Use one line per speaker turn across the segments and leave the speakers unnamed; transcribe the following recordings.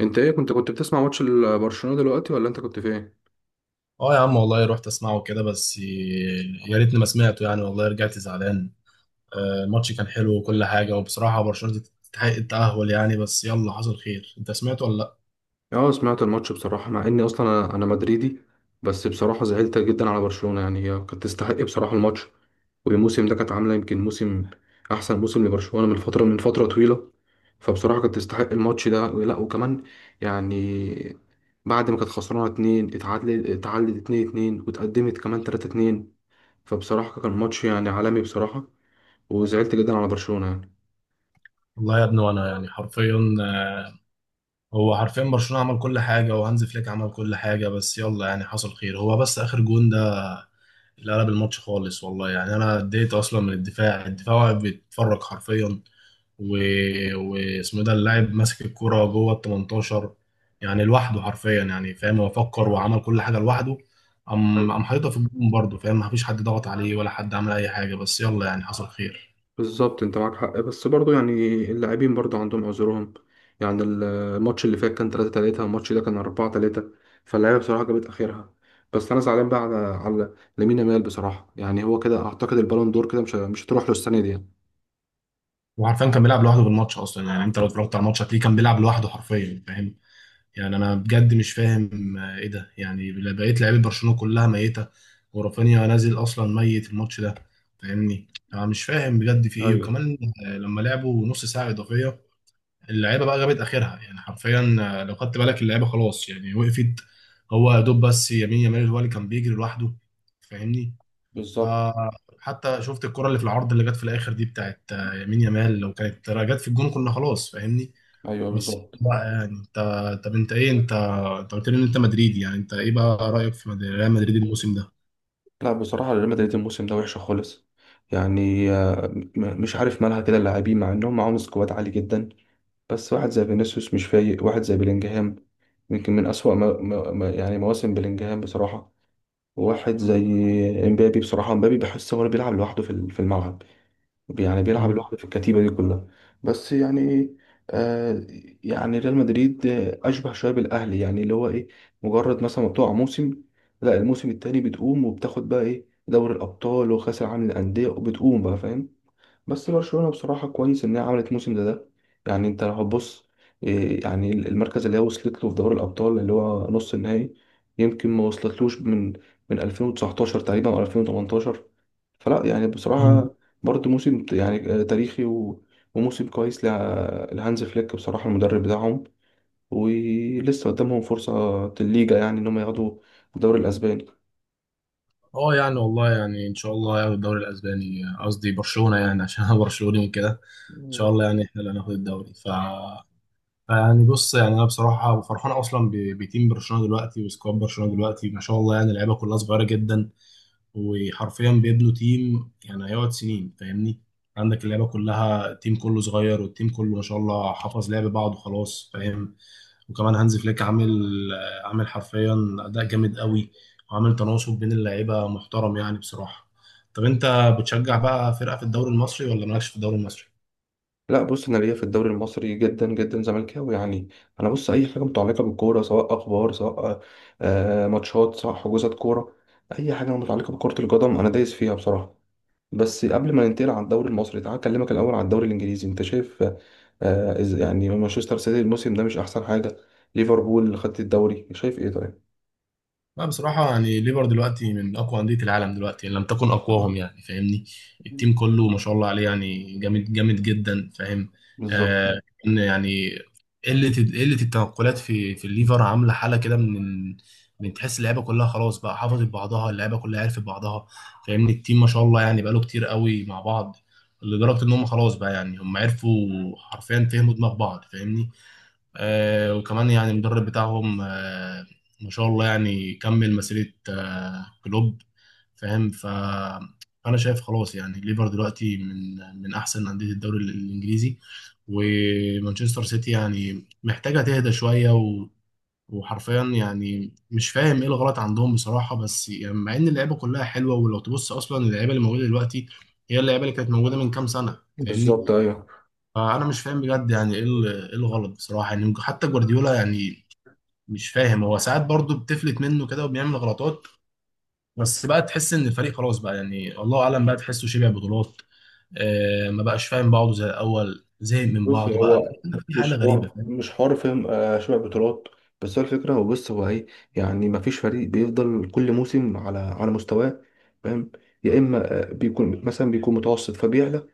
انت ايه كنت بتسمع ماتش برشلونة دلوقتي ولا انت كنت في ايه؟
اه يا عم والله رحت اسمعه كده بس يا ريتني ما سمعته يعني والله رجعت زعلان. الماتش كان حلو وكل حاجة وبصراحة برشلونة تستحق التأهل يعني بس يلا حصل خير. انت سمعته ولا لا؟
اه سمعت الماتش بصراحة مع اني اصلا أنا مدريدي. بس بصراحة زعلت جدا على برشلونة، يعني هي كانت تستحق بصراحة الماتش. والموسم ده كانت عاملة يمكن احسن موسم لبرشلونة من فترة طويلة. فبصراحة كانت تستحق الماتش ده، لا وكمان يعني بعد ما كانت خسرانة اتنين، اتعادلت اتنين اتنين، واتقدمت كمان تلاتة اتنين. فبصراحة كان ماتش يعني عالمي بصراحة، وزعلت جدا على برشلونة يعني.
والله يا ابني وانا يعني حرفيا هو حرفيا برشلونة عمل كل حاجة وهانز فليك عمل كل حاجة بس يلا يعني حصل خير. هو بس آخر جون ده اللي قلب الماتش خالص والله يعني. انا اديت اصلا من الدفاع واقف بيتفرج حرفيا و... واسمه إيه ده اللاعب ماسك الكرة جوه ال 18 يعني لوحده حرفيا يعني فاهم. هو فكر وعمل كل حاجة لوحده. قام حاططها في الجون برضه فاهم. مفيش حد ضغط عليه ولا حد عمل اي حاجة بس يلا يعني حصل خير.
بالظبط، انت معاك حق، بس برضو يعني اللاعبين برضو عندهم عذرهم. يعني الماتش اللي فات كان 3-3، الماتش ده كان 4-3، فاللعيبه بصراحه جابت اخرها. بس انا زعلان بقى على لامين يامال بصراحه، يعني هو كده اعتقد البالون دور كده مش هتروح له السنه دي يعني.
وعارفين كان بيلعب لوحده في الماتش اصلا. يعني انت لو اتفرجت على الماتش هتلاقيه كان بيلعب لوحده حرفيا فاهم. يعني انا بجد مش فاهم ايه ده يعني. بقيت لعيبه برشلونه كلها ميته ورافينيا نازل اصلا ميت الماتش ده فاهمني. انا مش فاهم بجد في ايه
ايوه
وكمان. لما لعبوا نص ساعه اضافيه اللعيبه بقى جابت اخرها يعني حرفيا. لو خدت بالك اللعيبه خلاص يعني وقفت. هو يا دوب بس يمين يامال هو اللي كان بيجري لوحده فاهمني.
بالظبط.
فحتى شفت الكره اللي في العرض اللي جت في الاخر دي بتاعت يمين يامال. لو كانت جت في الجون كنا خلاص فاهمني.
ايوه
بس
بالظبط.
بقى يعني انت، طب انت ايه، انت انت قلت لي ان انت مدريدي. يعني انت ايه بقى رايك في ريال مدريد الموسم ده؟
لا بصراحه ريال مدريد الموسم ده وحشه خالص يعني. مش عارف مالها كده اللاعبين، مع انهم معاهم سكواد عالي جدا. بس واحد زي فينيسيوس مش فايق، واحد زي بلينجهام يمكن من أسوأ يعني مواسم بلينجهام بصراحة. وواحد زي امبابي، بصراحة امبابي بحس هو اللي بيلعب لوحده في الملعب، يعني بيلعب
مم.
لوحده في الكتيبة دي كلها. بس يعني آه يعني ريال مدريد أشبه شوية بالأهلي، يعني اللي هو إيه، مجرد مثلا ما بتقع موسم، لا الموسم التاني بتقوم وبتاخد بقى إيه دوري الأبطال وكأس العالم للأندية وبتقوم بقى، فاهم؟ بس برشلونة بصراحة كويس إن هي عملت موسم ده. يعني أنت لو هتبص، يعني المركز اللي هي وصلت له في دوري الأبطال اللي هو نص النهائي يمكن ما وصلتلوش من 2019 تقريبا أو 2018. فلا يعني
مم.
بصراحة برضه يعني تاريخي وموسم كويس لهانز فليك بصراحة، المدرب بتاعهم. ولسه قدامهم فرصة الليجا، يعني إن هم ياخدوا الدوري الأسباني.
اه يعني والله يعني ان شاء الله هياخد الدوري الاسباني، قصدي برشلونه يعني عشان انا برشلوني وكده. ان شاء الله يعني احنا اللي هناخد الدوري. يعني بص يعني انا بصراحه فرحان اصلا بتيم برشلونه دلوقتي وسكواد برشلونه دلوقتي ما شاء الله يعني اللعيبه كلها صغيره جدا. وحرفيا بيبنوا تيم يعني هيقعد سنين فاهمني. عندك اللعبة كلها، التيم كله صغير والتيم كله ما شاء الله حفظ لعب بعض وخلاص فاهم. وكمان هانز فليك عامل، عامل حرفيا أداء جامد قوي وعامل تناسق بين اللعيبة محترم يعني بصراحة. طب انت بتشجع بقى فرقة في الدوري المصري ولا مالكش في الدوري المصري؟
لا بص، انا ليا في الدوري المصري جدا جدا زملكاوي يعني. انا بص اي حاجه متعلقه بالكوره، سواء اخبار، سواء ماتشات، سواء حجوزات كوره، اي حاجه متعلقه بكره القدم انا دايس فيها بصراحه. بس قبل ما ننتقل على الدوري المصري، تعال اكلمك الاول على الدوري الانجليزي. انت شايف يعني مانشستر سيتي الموسم ده مش احسن حاجه، ليفربول خدت الدوري، شايف ايه طيب؟
لا بصراحة يعني ليفر دلوقتي من أقوى أندية العالم دلوقتي إن لم تكن أقواهم يعني فاهمني. التيم كله ما شاء الله عليه يعني جامد جامد جدا فاهم.
بالظبط.
آه إن يعني قلة التنقلات في الليفر عاملة حالة كده. من تحس اللعيبة كلها خلاص بقى حافظت بعضها، اللعيبة كلها عرفت بعضها فاهمني. التيم ما شاء الله يعني بقاله كتير قوي مع بعض لدرجة إن هم خلاص بقى. يعني هم عرفوا حرفيا فهموا دماغ بعض فاهمني. وكمان يعني المدرب بتاعهم ما شاء الله يعني كمل مسيرة كلوب فاهم. فأنا شايف خلاص يعني ليفر دلوقتي من أحسن أندية الدوري الإنجليزي. ومانشستر سيتي يعني محتاجة تهدى شوية. وحرفيا يعني مش فاهم ايه الغلط عندهم بصراحة. بس يعني مع ان اللعيبة كلها حلوة ولو تبص اصلا اللعيبة اللي موجودة دلوقتي هي اللعيبة اللي كانت موجودة من كام سنة فاهمني.
بالظبط. ايوه.
فانا مش فاهم بجد يعني ايه إيه الغلط بصراحه. يعني حتى جوارديولا يعني مش فاهم، هو ساعات برضه بتفلت منه كده وبيعمل غلطات. بس بقى تحس ان الفريق خلاص بقى يعني الله اعلم بقى. تحسه شبع بطولات آه، ما بقاش فاهم بعضه زي الاول، زهق من
بص
بعضه بقى.
هو
في
مش
حاله غريبه
حوار،
فاهم.
مش حوار، فاهم؟ شبع بطولات. بس هو الفكره، هو بص هو ايه، يعني ما فيش فريق بيفضل كل موسم على مستواه، فاهم؟ يا اما بيكون مثلا بيكون متوسط فبيعلى، يا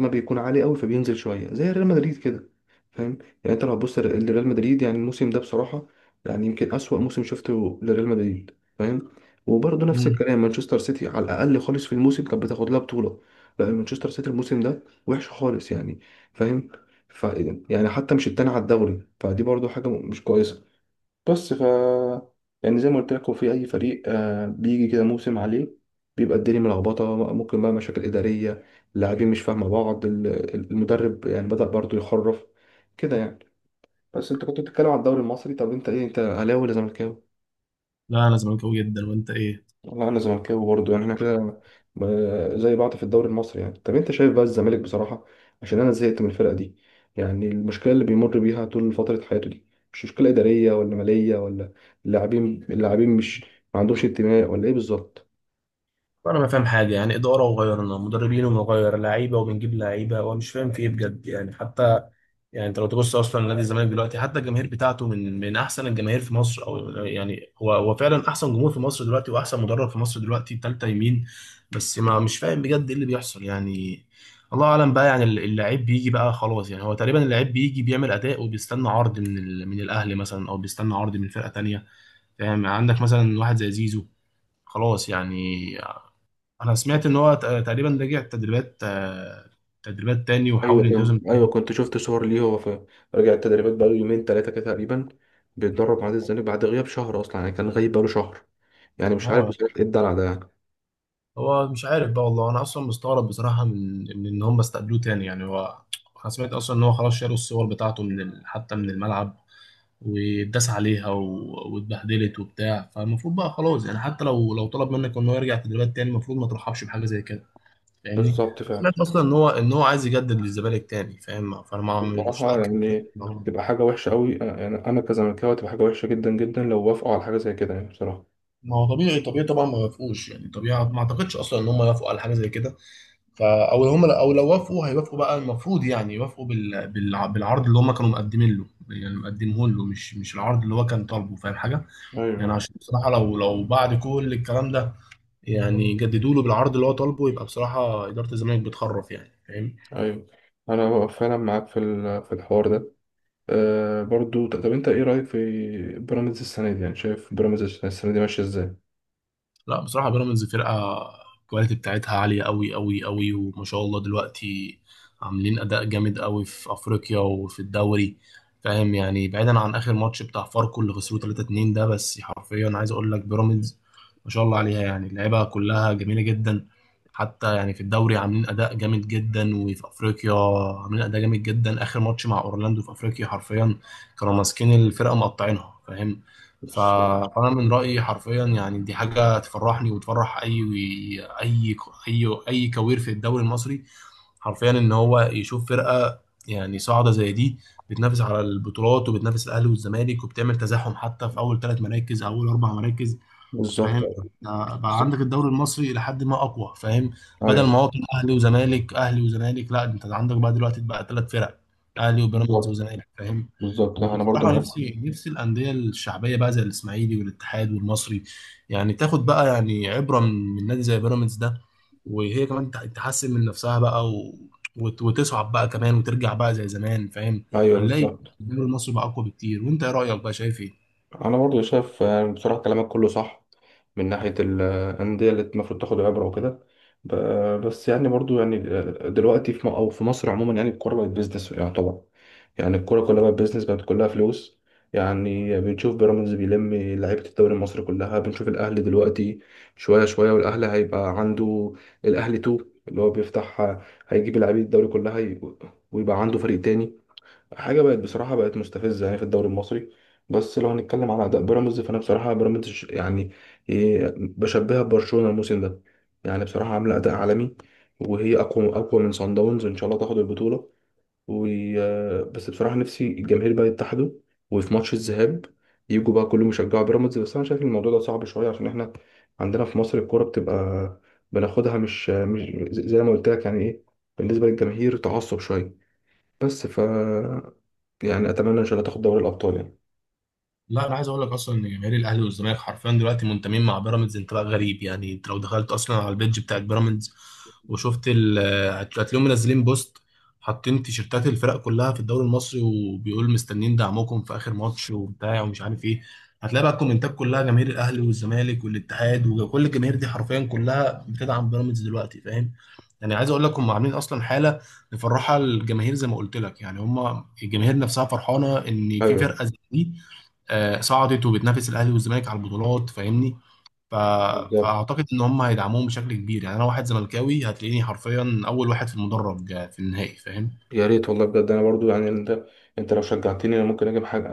اما بيكون عالي قوي فبينزل شويه زي ريال مدريد كده، فاهم؟ يعني انت لو هتبص لريال مدريد يعني الموسم ده بصراحه، يعني يمكن اسوأ موسم شفته لريال مدريد، فاهم؟ وبرضه نفس
مم.
الكلام مانشستر سيتي، على الاقل خالص في الموسم كانت بتاخد لها بطوله. لا مانشستر سيتي الموسم ده وحش خالص يعني، فاهم؟ ف يعني حتى مش التاني على الدوري، فدي برضو حاجة مش كويسة. بس ف يعني زي ما قلت لك، هو في أي فريق بيجي كده موسم عليه، بيبقى الدنيا ملخبطة، ممكن بقى مشاكل إدارية، اللاعبين مش فاهمة بعض، المدرب يعني بدأ برضو يخرف كده يعني. بس أنت كنت بتتكلم على الدوري المصري، طب أنت أهلاوي ولا زملكاوي؟
لا انا زملكاوي جدا، وانت ايه؟
والله انا زملكاوي برضه، يعني احنا كده زي بعض في الدوري المصري يعني. طب انت شايف بقى الزمالك بصراحه، عشان انا زهقت من الفرقه دي، يعني المشكله اللي بيمر بيها طول فتره حياته دي مش مشكله اداريه ولا ماليه ولا، اللاعبين مش ما عندهمش انتماء، ولا ايه بالظبط؟
انا ما فاهم حاجه، يعني اداره وغيرنا مدربين وغير لعيبه وبنجيب لعيبه وانا مش فاهم في ايه بجد. يعني حتى يعني انت لو تبص اصلا نادي الزمالك دلوقتي حتى الجماهير بتاعته من احسن الجماهير في مصر، او يعني هو فعلا احسن جمهور في مصر دلوقتي واحسن مدرب في مصر دلوقتي تالتة يمين. بس ما مش فاهم بجد ايه اللي بيحصل يعني. الله اعلم بقى يعني. اللاعب بيجي بقى خلاص يعني، هو تقريبا اللاعب بيجي بيعمل اداء وبيستنى عرض من الاهلي مثلا او بيستنى عرض من فرقة تانية فاهم. عندك مثلا واحد زي زيزو خلاص يعني. انا سمعت ان هو تقريبا رجع تدريبات، تدريبات تاني
ايوه
وحاول
كنت
ينتظم
ايوه
تاني.
كنت شفت صور ليه، هو في رجع التدريبات بقاله يومين ثلاثه كده تقريبا، بيتدرب مع نادي الزمالك بعد غياب شهر، اصلا يعني كان غايب بقاله شهر. يعني مش عارف
هو
بصراحه ايه الدلع ده يعني.
هو مش عارف بقى والله. انا اصلا مستغرب بصراحه من ان هم استقبلوه تاني يعني. هو انا سمعت اصلا ان هو خلاص شالوا الصور بتاعته حتى من الملعب واتداس عليها. واتبهدلت وبتاع. فالمفروض بقى خلاص يعني حتى لو طلب منك ان هو يرجع تدريبات تاني المفروض ما ترحبش بحاجه زي كده فاهمني.
بالظبط
انا
فعلا.
سمعت اصلا ان هو عايز يجدد للزمالك تاني فاهم. فانا ما مش
بصراحة
متاكد بصراحة.
يعني
ما هو
تبقى حاجة وحشة أوي، يعني أنا كزملكاوي تبقى حاجة وحشة جدا جدا لو وافقوا على حاجة زي كده يعني بصراحة.
ما هو طبيعي طبعا ما يوافقوش يعني. طبيعي ما اعتقدش اصلا ان هم يوافقوا على حاجه زي كده. او هم او لو وافقوا هيوافقوا بقى المفروض يعني يوافقوا بالعرض اللي هم كانوا مقدمين له يعني مقدمه له، مش العرض اللي هو كان طالبه فاهم حاجه. يعني
أيوه.
عشان بصراحه لو بعد كل الكلام ده يعني جددوا له بالعرض اللي هو طالبه يبقى بصراحه اداره الزمالك بتخرف يعني فاهم.
أيوه. أنا فعلا معاك في في الحوار ده. طب أنت إيه رأيك في بيراميدز السنة دي، يعني شايف بيراميدز السنة دي ماشية إزاي؟
لا بصراحة بيراميدز فرقة الكواليتي بتاعتها عالية أوي أوي أوي وما شاء الله دلوقتي عاملين أداء جامد أوي في أفريقيا وفي الدوري فاهم. يعني بعيدا عن آخر ماتش بتاع فاركو اللي خسروه 3-2 ده، بس حرفيا عايز أقول لك بيراميدز ما شاء الله عليها يعني اللعيبة كلها جميلة جدا. حتى يعني في الدوري عاملين أداء جامد جدا وفي أفريقيا عاملين أداء جامد جدا. آخر ماتش مع أورلاندو في أفريقيا حرفيا كانوا ماسكين الفرقة مقطعينها فاهم. ف-
بص-
فانا من رايي حرفيا يعني دي حاجه تفرحني وتفرح اي اي كوير في الدوري المصري حرفيا، ان هو يشوف فرقه يعني صاعده زي دي بتنافس على البطولات وبتنافس الاهلي والزمالك وبتعمل تزاحم حتى في اول ثلاث مراكز، اول اربع مراكز
بالظبط.
فاهم. بقى
بالظبط.
عندك الدوري المصري الى حد ما اقوى فاهم. بدل
أيوه
ما هو كان اهلي وزمالك اهلي وزمالك، لا انت عندك بقى دلوقتي بقى ثلاث فرق: اهلي وبيراميدز
بالظبط.
وزمالك فاهم.
بالظبط أنا برضو
وبصراحه
معاك.
نفسي الانديه الشعبيه بقى زي الاسماعيلي والاتحاد والمصري يعني تاخد بقى يعني عبره من نادي زي بيراميدز ده. وهي كمان تحسن من نفسها بقى. وتصعد بقى كمان وترجع بقى زي زمان فاهم.
أيوه
هنلاقي
بالظبط،
الدوري المصري بقى اقوى بكتير. وانت ايه رايك بقى شايف ايه؟
انا برضو شايف بصراحه كلامك كله صح من ناحيه الانديه اللي المفروض تاخد عبره وكده. بس يعني برضو يعني دلوقتي في م- او في مصر عموما يعني الكوره بقت بيزنس يعتبر، يعني الكوره كلها بقت بيزنس، بقت كلها فلوس. يعني بنشوف بيراميدز بيلم لعيبه الدوري المصري كلها، بنشوف الاهلي دلوقتي شويه شويه والاهلي هيبقى عنده الاهلي 2 اللي هو بيفتح، هيجيب لعيبه الدوري كلها، ويبقى عنده فريق تاني. حاجه بقت بصراحه بقت مستفزه يعني في الدوري المصري. بس لو هنتكلم على اداء بيراميدز، فانا بصراحه بيراميدز يعني بشبهها ببرشلونه الموسم ده، يعني بصراحه عامله اداء عالمي، وهي اقوى اقوى من صن داونز، ان شاء الله تاخد البطوله. و بس بصراحه نفسي الجماهير بقى يتحدوا، وفي ماتش الذهاب يجوا بقى كلهم يشجعوا بيراميدز. بس انا شايف الموضوع ده صعب شويه، عشان احنا عندنا في مصر الكوره بتبقى بناخدها، مش زي ما قلت لك، يعني ايه، بالنسبه للجماهير تعصب شويه. بس ف يعني اتمنى ان شاء الله تاخد دوري الابطال يعني.
لا انا عايز اقول لك اصلا ان جماهير الاهلي والزمالك حرفيا دلوقتي منتمين مع بيراميدز انتماء غريب. يعني انت لو دخلت اصلا على البيدج بتاعت بيراميدز وشفت هتلاقيهم منزلين بوست حاطين تيشيرتات الفرق كلها في الدوري المصري وبيقول مستنيين دعمكم في اخر ماتش وبتاع ومش عارف ايه. هتلاقي بقى الكومنتات كلها جماهير الاهلي والزمالك والاتحاد وكل الجماهير دي حرفيا كلها بتدعم بيراميدز دلوقتي فاهم. يعني عايز اقول لك هم عاملين اصلا حاله مفرحه الجماهير زي ما قلت لك. يعني هم الجماهير نفسها فرحانه ان في
ايوه
فرقه زي دي صعدت وبتنافس الاهلي والزمالك على البطولات فاهمني ف...
بالظبط.
فاعتقد ان هم هيدعموهم بشكل كبير. يعني انا واحد زملكاوي هتلاقيني حرفيا اول واحد في المدرج في النهائي فاهم.
يا ريت والله بجد، انا برضو يعني انت لو شجعتني انا ممكن اجي بحاجه،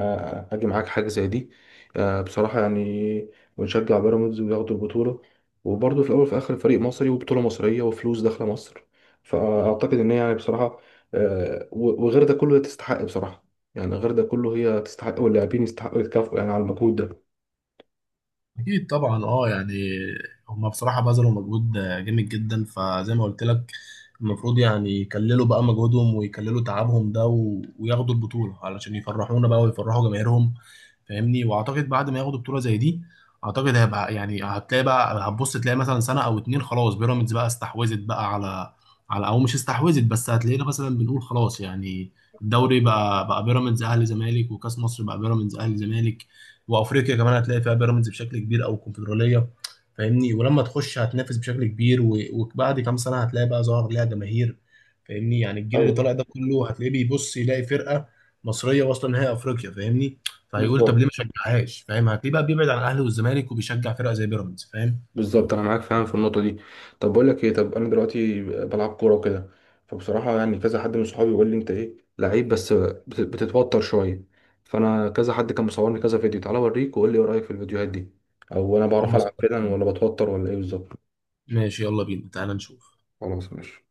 اجي معاك حاجه زي دي. بصراحه يعني ونشجع بيراميدز وياخدوا البطوله، وبرضو في الاول وفي الاخر فريق مصري وبطوله مصريه وفلوس داخله مصر. فاعتقد ان هي يعني بصراحه، وغير ده كله هي تستحق بصراحه، يعني غير ده كله هي تستحق، واللاعبين يستحقوا يتكافئوا يعني على المجهود ده.
اكيد طبعا اه يعني، هما بصراحه بذلوا مجهود جامد جدا. فزي ما قلت لك المفروض يعني يكللوا بقى مجهودهم ويكللوا تعبهم ده. وياخدوا البطوله علشان يفرحونا بقى ويفرحوا جماهيرهم فاهمني. واعتقد بعد ما ياخدوا بطوله زي دي اعتقد هيبقى يعني هتلاقي بقى هتبص تلاقي مثلا سنه او اتنين خلاص بيراميدز بقى استحوذت بقى على او مش استحوذت. بس هتلاقينا مثلا بنقول خلاص، يعني الدوري بقى بيراميدز اهلي زمالك، وكاس مصر بقى بيراميدز اهلي زمالك، وافريقيا كمان هتلاقي فيها بيراميدز بشكل كبير او الكونفدراليه فاهمني. ولما تخش هتنافس بشكل كبير وبعد كام سنه هتلاقي بقى ظهر ليها جماهير فاهمني. يعني الجيل اللي
ايوه
طالع ده كله هتلاقيه بيبص يلاقي فرقه مصريه واصله نهائي افريقيا فاهمني. فهيقول طب ليه ما
بالظبط.
اشجعهاش فاهم. هتلاقيه بقى بيبعد عن الاهلي والزمالك وبيشجع فرقه زي بيراميدز فاهم.
بالظبط انا معاك فعلا في النقطه دي. طب بقول لك ايه، طب انا دلوقتي بلعب كوره وكده، فبصراحه يعني كذا حد من صحابي بيقول لي انت ايه لعيب، بس بتتوتر شويه، فانا كذا حد كان مصورني كذا فيديو. تعالى اوريك وقول لي ايه رايك في الفيديوهات دي، او انا بعرف
خلاص
العب فعلا ولا بتوتر ولا ايه بالظبط.
ماشي يلا بينا تعالى نشوف.
خلاص ماشي.